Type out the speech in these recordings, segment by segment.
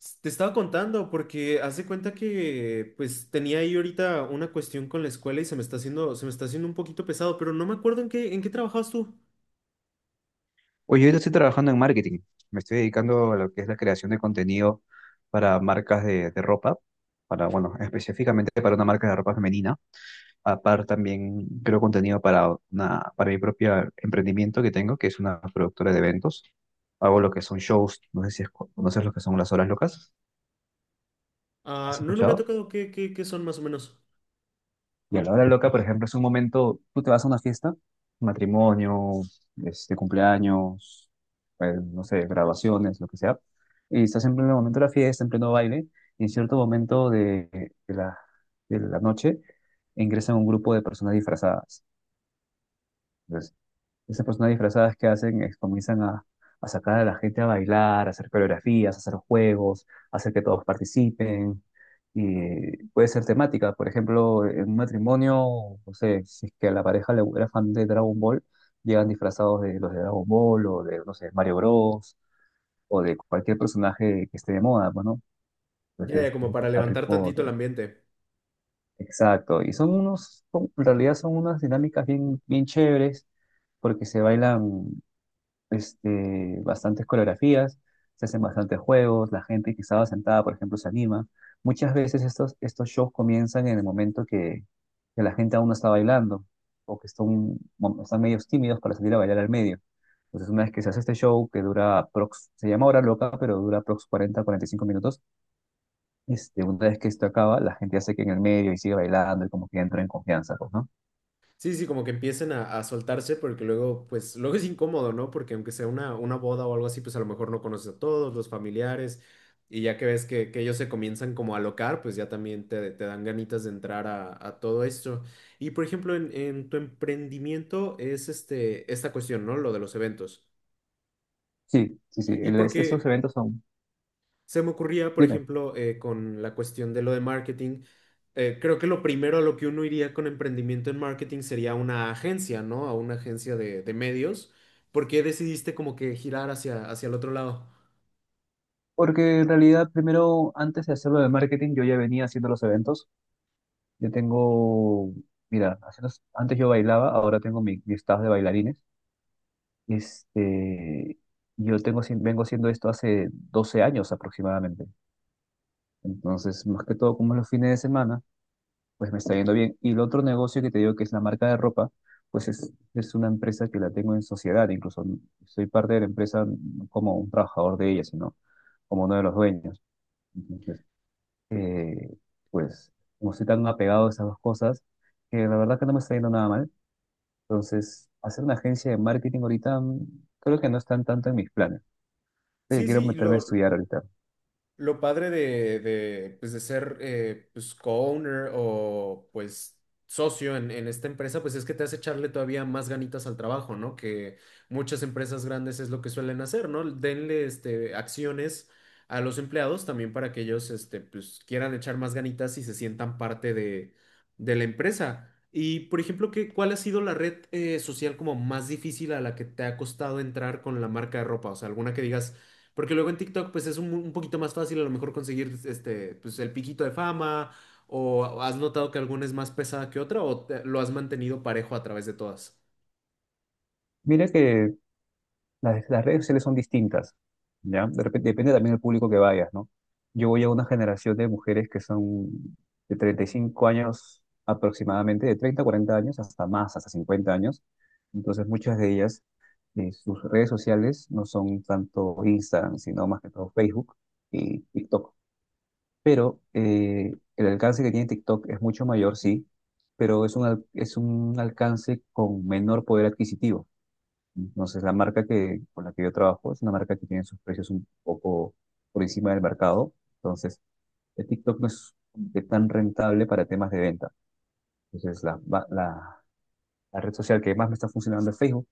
S- Te estaba contando porque haz de cuenta que pues tenía ahí ahorita una cuestión con la escuela y se me está haciendo un poquito pesado, pero no me acuerdo en qué trabajabas tú. Oye, ahorita estoy trabajando en marketing. Me estoy dedicando a lo que es la creación de contenido para marcas de ropa, para, bueno, específicamente para una marca de ropa femenina. Aparte también creo contenido para una, para mi propio emprendimiento que tengo, que es una productora de eventos. Hago lo que son shows, no sé si conoces lo que son las horas locas. Ah, ¿Has no, no me ha escuchado? tocado qué son más o menos. Y a la hora loca, por ejemplo, es un momento, tú te vas a una fiesta, matrimonio, cumpleaños, pues, no sé, graduaciones, lo que sea, y estás en pleno momento de la fiesta, en pleno baile, y en cierto momento de la, de la noche ingresa un grupo de personas disfrazadas. Entonces, esas personas disfrazadas que hacen es comienzan a sacar a la gente a bailar, a hacer coreografías, a hacer juegos, a hacer que todos participen. Y puede ser temática, por ejemplo, en un matrimonio, no sé, si es que a la pareja le era fan de Dragon Ball, llegan disfrazados de los de Dragon Ball o de, no sé, Mario Bros. O de cualquier personaje que esté de moda, pues, ¿no? Ya, ya, Entonces, como para Harry levantar tantito Potter. el ambiente. Exacto. Y son unos, en realidad son unas dinámicas bien, bien chéveres porque se bailan, bastantes coreografías, se hacen bastantes juegos, la gente que estaba sentada, por ejemplo, se anima. Muchas veces estos shows comienzan en el momento que la gente aún no está bailando o que están, bueno, están medios tímidos para salir a bailar al medio. Entonces, una vez que se hace este show, que dura aprox, se llama Hora Loca, pero dura aprox 40, 45 minutos, una vez que esto acaba, la gente hace que en el medio y sigue bailando y como que entra en confianza, pues, ¿no? Sí, sí, como que empiecen a soltarse porque luego, pues, luego es incómodo, ¿no? Porque aunque sea una boda o algo así, pues a lo mejor no conoces a todos los familiares y ya que ves que ellos se comienzan como a alocar, pues ya también te dan ganitas de entrar a todo esto. Y por ejemplo, en tu emprendimiento es este, esta cuestión, ¿no? Lo de los eventos. Sí, sí, sí. Y Estos porque eventos son... se me ocurría, por Dime. ejemplo, con la cuestión de lo de marketing, creo que lo primero a lo que uno iría con emprendimiento en marketing sería una agencia, ¿no? A una agencia de medios. ¿Por qué decidiste como que girar hacia el otro lado? Porque en realidad, primero, antes de hacerlo de marketing, yo ya venía haciendo los eventos. Yo tengo, mira, antes yo bailaba, ahora tengo mi staff de bailarines. Este, yo tengo, vengo haciendo esto hace 12 años aproximadamente. Entonces, más que todo, como es los fines de semana, pues me está yendo bien. Y el otro negocio que te digo que es la marca de ropa, pues es una empresa que la tengo en sociedad. Incluso soy parte de la empresa no como un trabajador de ella, sino como uno de los dueños. eh, pues como estoy tan apegado a esas dos cosas, que la verdad que no me está yendo nada mal. Entonces, hacer una agencia de marketing ahorita, creo que no están tanto en mis planes. Creo Sí, quiero sí, y meterme a lo, estudiar ahorita. Lo padre de pues de ser pues co-owner o pues socio en esta empresa, pues es que te hace echarle todavía más ganitas al trabajo, ¿no? Que muchas empresas grandes es lo que suelen hacer, ¿no? Denle este, acciones a los empleados también para que ellos este, pues, quieran echar más ganitas y se sientan parte de la empresa. Y, por ejemplo, ¿qué, cuál ha sido la red social como más difícil a la que te ha costado entrar con la marca de ropa? O sea, alguna que digas... Porque luego en TikTok, pues es un poquito más fácil a lo mejor conseguir este, pues el piquito de fama, o has notado que alguna es más pesada que otra, o te- lo has mantenido parejo a través de todas. Mira que las redes sociales son distintas, ¿ya? Depende también del público que vayas, ¿no? Yo voy a una generación de mujeres que son de 35 años aproximadamente, de 30 a 40 años, hasta más, hasta 50 años. Entonces, muchas de ellas, sus redes sociales no son tanto Instagram, sino más que todo Facebook y TikTok. Pero el alcance que tiene TikTok es mucho mayor, sí, pero es es un alcance con menor poder adquisitivo. Entonces, la marca que, con la que yo trabajo es una marca que tiene sus precios un poco por encima del mercado. Entonces, el TikTok no es como que tan rentable para temas de venta. Entonces, la red social que más me está funcionando es Facebook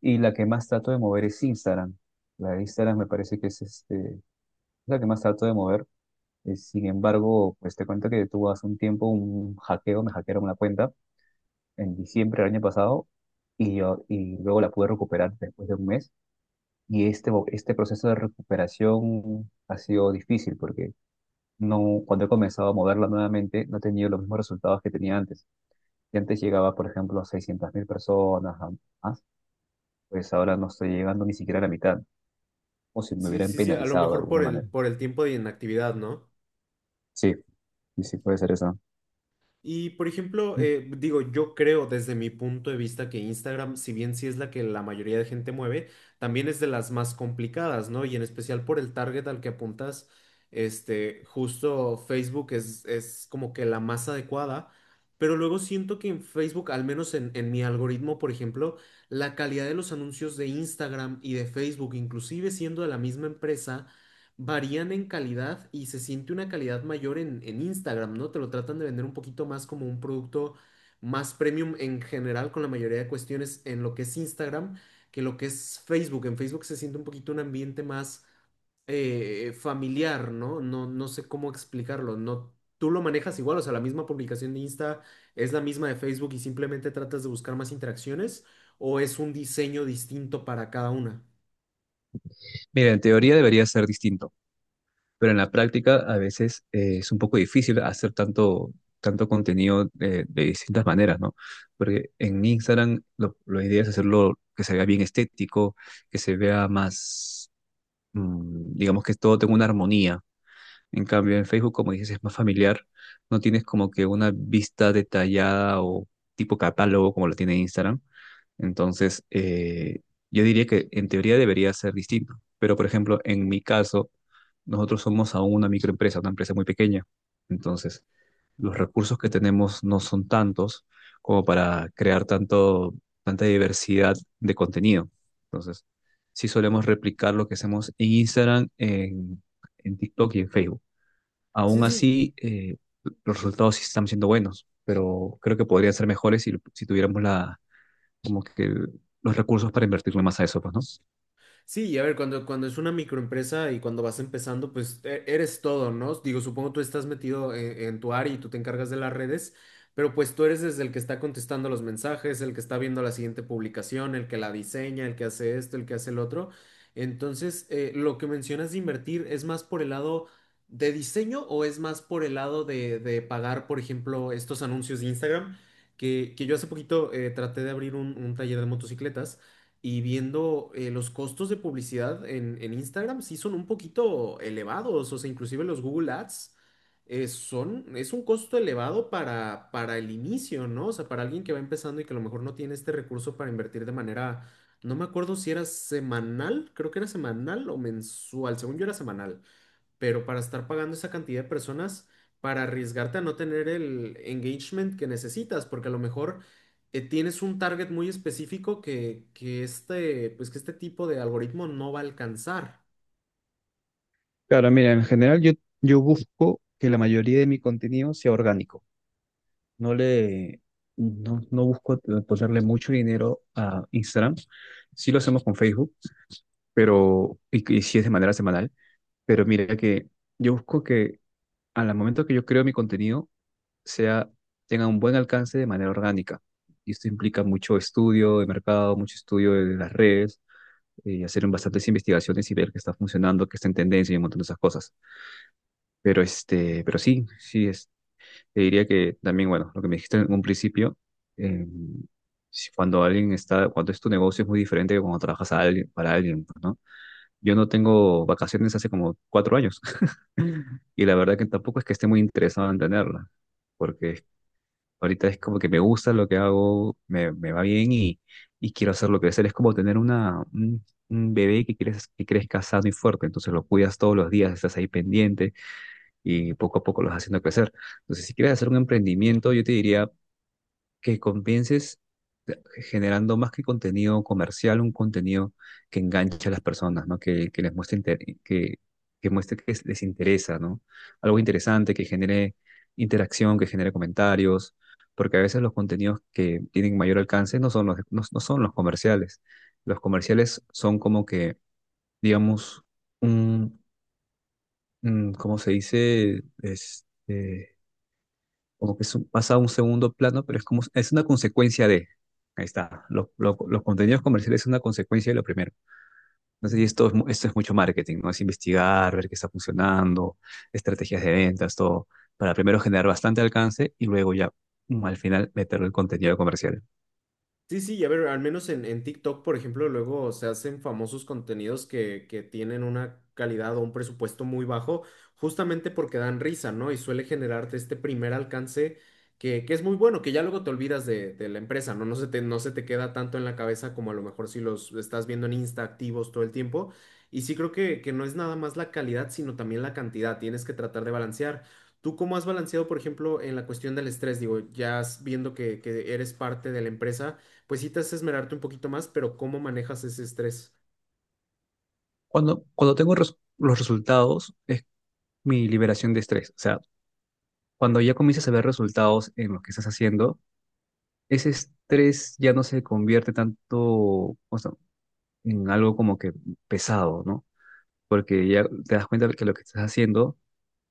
y la que más trato de mover es Instagram. La de Instagram me parece que es la que más trato de mover. Sin embargo, pues te cuento que tuvo hace un tiempo un hackeo, me hackearon una cuenta en diciembre del año pasado y, y luego la pude recuperar después de un mes. Y este proceso de recuperación ha sido difícil porque no, cuando he comenzado a moverla nuevamente no he tenido los mismos resultados que tenía antes. Y antes llegaba, por ejemplo, a 600 mil personas a más, pues ahora no estoy llegando ni siquiera a la mitad, o si me Sí, hubieran sí, sí, a lo penalizado de mejor alguna manera. por el tiempo de inactividad, ¿no? Sí, y sí puede ser eso. Y por ejemplo, Mm. Digo, yo creo desde mi punto de vista que Instagram, si bien sí es la que la mayoría de gente mueve, también es de las más complicadas, ¿no? Y en especial por el target al que apuntas, este, justo Facebook es como que la más adecuada, pero luego siento que en Facebook, al menos en mi algoritmo, por ejemplo, la calidad de los anuncios de Instagram y de Facebook, inclusive siendo de la misma empresa, varían en calidad y se siente una calidad mayor en Instagram, ¿no? Te lo tratan de vender un poquito más como un producto más premium en general con la mayoría de cuestiones en lo que es Instagram que lo que es Facebook. En Facebook se siente un poquito un ambiente más familiar, ¿no? No, no sé cómo explicarlo. No, tú lo manejas igual, o sea, la misma publicación de Insta es la misma de Facebook y simplemente tratas de buscar más interacciones o es un diseño distinto para cada una. Mira, en teoría debería ser distinto, pero en la práctica a veces, es un poco difícil hacer tanto contenido de distintas maneras, ¿no? Porque en Instagram la idea es hacerlo que se vea bien estético, que se vea más, digamos que todo tenga una armonía. En cambio, en Facebook, como dices, es más familiar, no tienes como que una vista detallada o tipo catálogo como lo tiene Instagram, entonces, yo diría que en teoría debería ser distinto, pero por ejemplo, en mi caso, nosotros somos aún una microempresa, una empresa muy pequeña. Entonces, los recursos que tenemos no son tantos como para crear tanta diversidad de contenido. Entonces, sí solemos replicar lo que hacemos en Instagram, en TikTok y en Facebook. Sí, Aún sí. así, los resultados sí están siendo buenos, pero creo que podrían ser mejores si tuviéramos la como que los recursos para invertirle más a eso, pues, ¿no? Sí, y a ver, cuando es una microempresa y cuando vas empezando, pues e- eres todo, ¿no? Digo, supongo tú estás metido en tu área y tú te encargas de las redes, pero pues tú eres desde el que está contestando los mensajes, el que está viendo la siguiente publicación, el que la diseña, el que hace esto, el que hace el otro. Entonces, lo que mencionas de invertir, ¿es más por el lado de diseño o es más por el lado de pagar, por ejemplo, estos anuncios de Instagram? Que yo hace poquito traté de abrir un taller de motocicletas y viendo los costos de publicidad en Instagram sí son un poquito elevados, o sea, inclusive los Google Ads son, es un costo elevado para el inicio, ¿no? O sea, para alguien que va empezando y que a lo mejor no tiene este recurso para invertir de manera, no me acuerdo si era semanal, creo que era semanal o mensual, según yo era semanal pero para estar pagando esa cantidad de personas, para arriesgarte a no tener el engagement que necesitas, porque a lo mejor tienes un target muy específico que este, pues que este tipo de algoritmo no va a alcanzar. Claro, mira, en general yo busco que la mayoría de mi contenido sea orgánico. No le, no, no busco ponerle mucho dinero a Instagram. Sí lo hacemos con Facebook, y sí es de manera semanal. Pero mira que yo busco que al momento que yo creo mi contenido sea, tenga un buen alcance de manera orgánica. Y esto implica mucho estudio de mercado, mucho estudio de las redes, hacer bastantes investigaciones y ver qué está funcionando, qué está en tendencia y un montón de esas cosas. Pero, te diría que también, bueno, lo que me dijiste en un principio, eh, si cuando alguien está, cuando es tu negocio es muy diferente que cuando trabajas a alguien, para alguien, pues, ¿no? Yo no tengo vacaciones hace como 4 años y la verdad que tampoco es que esté muy interesado en tenerla, porque es... Ahorita es como que me gusta lo que hago, me va bien y quiero hacerlo crecer. Es como tener un bebé que quieres que crezca sano y fuerte. Entonces lo cuidas todos los días, estás ahí pendiente y poco a poco lo vas haciendo crecer. Entonces, si quieres hacer un emprendimiento, yo te diría que convences, generando más que contenido comercial, un contenido que enganche a las personas, ¿no? Que les muestre que muestre que les interesa, ¿no? Algo interesante que genere interacción, que genere comentarios, porque a veces los contenidos que tienen mayor alcance no son los, no, no son los comerciales. Los comerciales son como que, digamos, un, un, ¿cómo se dice? Como que pasa a un segundo plano, pero es como, es una consecuencia de, ahí está, los contenidos comerciales es una consecuencia de lo primero. Entonces, y esto es, esto es mucho marketing, ¿no? Es investigar, ver qué está funcionando, estrategias de ventas, todo, para primero generar bastante alcance y luego ya, al final meterlo el contenido comercial. Sí, sí, y a ver, al menos en TikTok, por ejemplo, luego se hacen famosos contenidos que tienen una calidad o un presupuesto muy bajo, justamente porque dan risa, ¿no? Y suele generarte este primer alcance que es muy bueno, que ya luego te olvidas de la empresa, ¿no? No se te, no se te queda tanto en la cabeza como a lo mejor si los estás viendo en Insta activos todo el tiempo. Y sí creo que no es nada más la calidad, sino también la cantidad. Tienes que tratar de balancear. ¿Tú cómo has balanceado, por ejemplo, en la cuestión del estrés? Digo, ya viendo que eres parte de la empresa pues sí te hace esmerarte un poquito más, pero ¿cómo manejas ese estrés? Cuando tengo los resultados, es mi liberación de estrés. O sea, cuando ya comienzas a ver resultados en lo que estás haciendo, ese estrés ya no se convierte tanto, o sea, en algo como que pesado, ¿no? Porque ya te das cuenta que lo que estás haciendo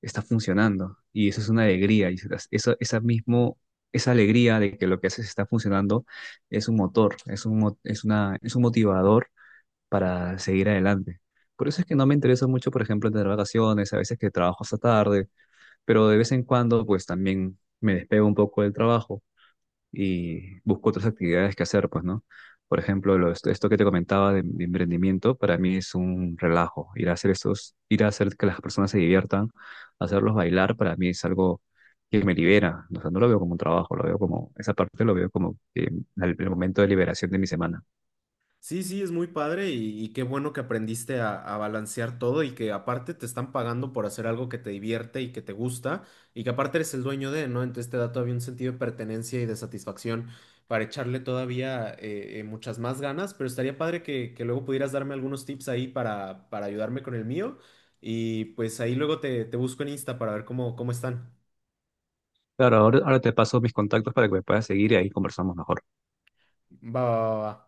está funcionando y eso es una alegría y esa mismo, esa alegría de que lo que haces está funcionando es un motor, es un, mo- es una, es un motivador para seguir adelante. Por eso es que no me interesa mucho, por ejemplo, tener vacaciones, a veces que trabajo hasta tarde, pero de vez en cuando pues también me despego un poco del trabajo y busco otras actividades que hacer, pues, ¿no? Por ejemplo, esto que te comentaba de emprendimiento, para mí es un relajo. Ir a hacer esos, ir a hacer que las personas se diviertan, hacerlos bailar, para mí es algo que me libera. O sea, no lo veo como un trabajo, lo veo como, esa parte lo veo como, el momento de liberación de mi semana. Sí, sí, es muy padre y qué bueno que aprendiste a balancear todo y que aparte te están pagando por hacer algo que te divierte y que te gusta y que aparte eres el dueño de, ¿no? Entonces te da todavía un sentido de pertenencia y de satisfacción para echarle todavía muchas más ganas, pero estaría padre que luego pudieras darme algunos tips ahí para ayudarme con el mío y pues ahí luego te busco en Insta para ver cómo, cómo están. Claro, ahora, ahora te paso mis contactos para que me puedas seguir y ahí conversamos mejor. Va, va, va. Va.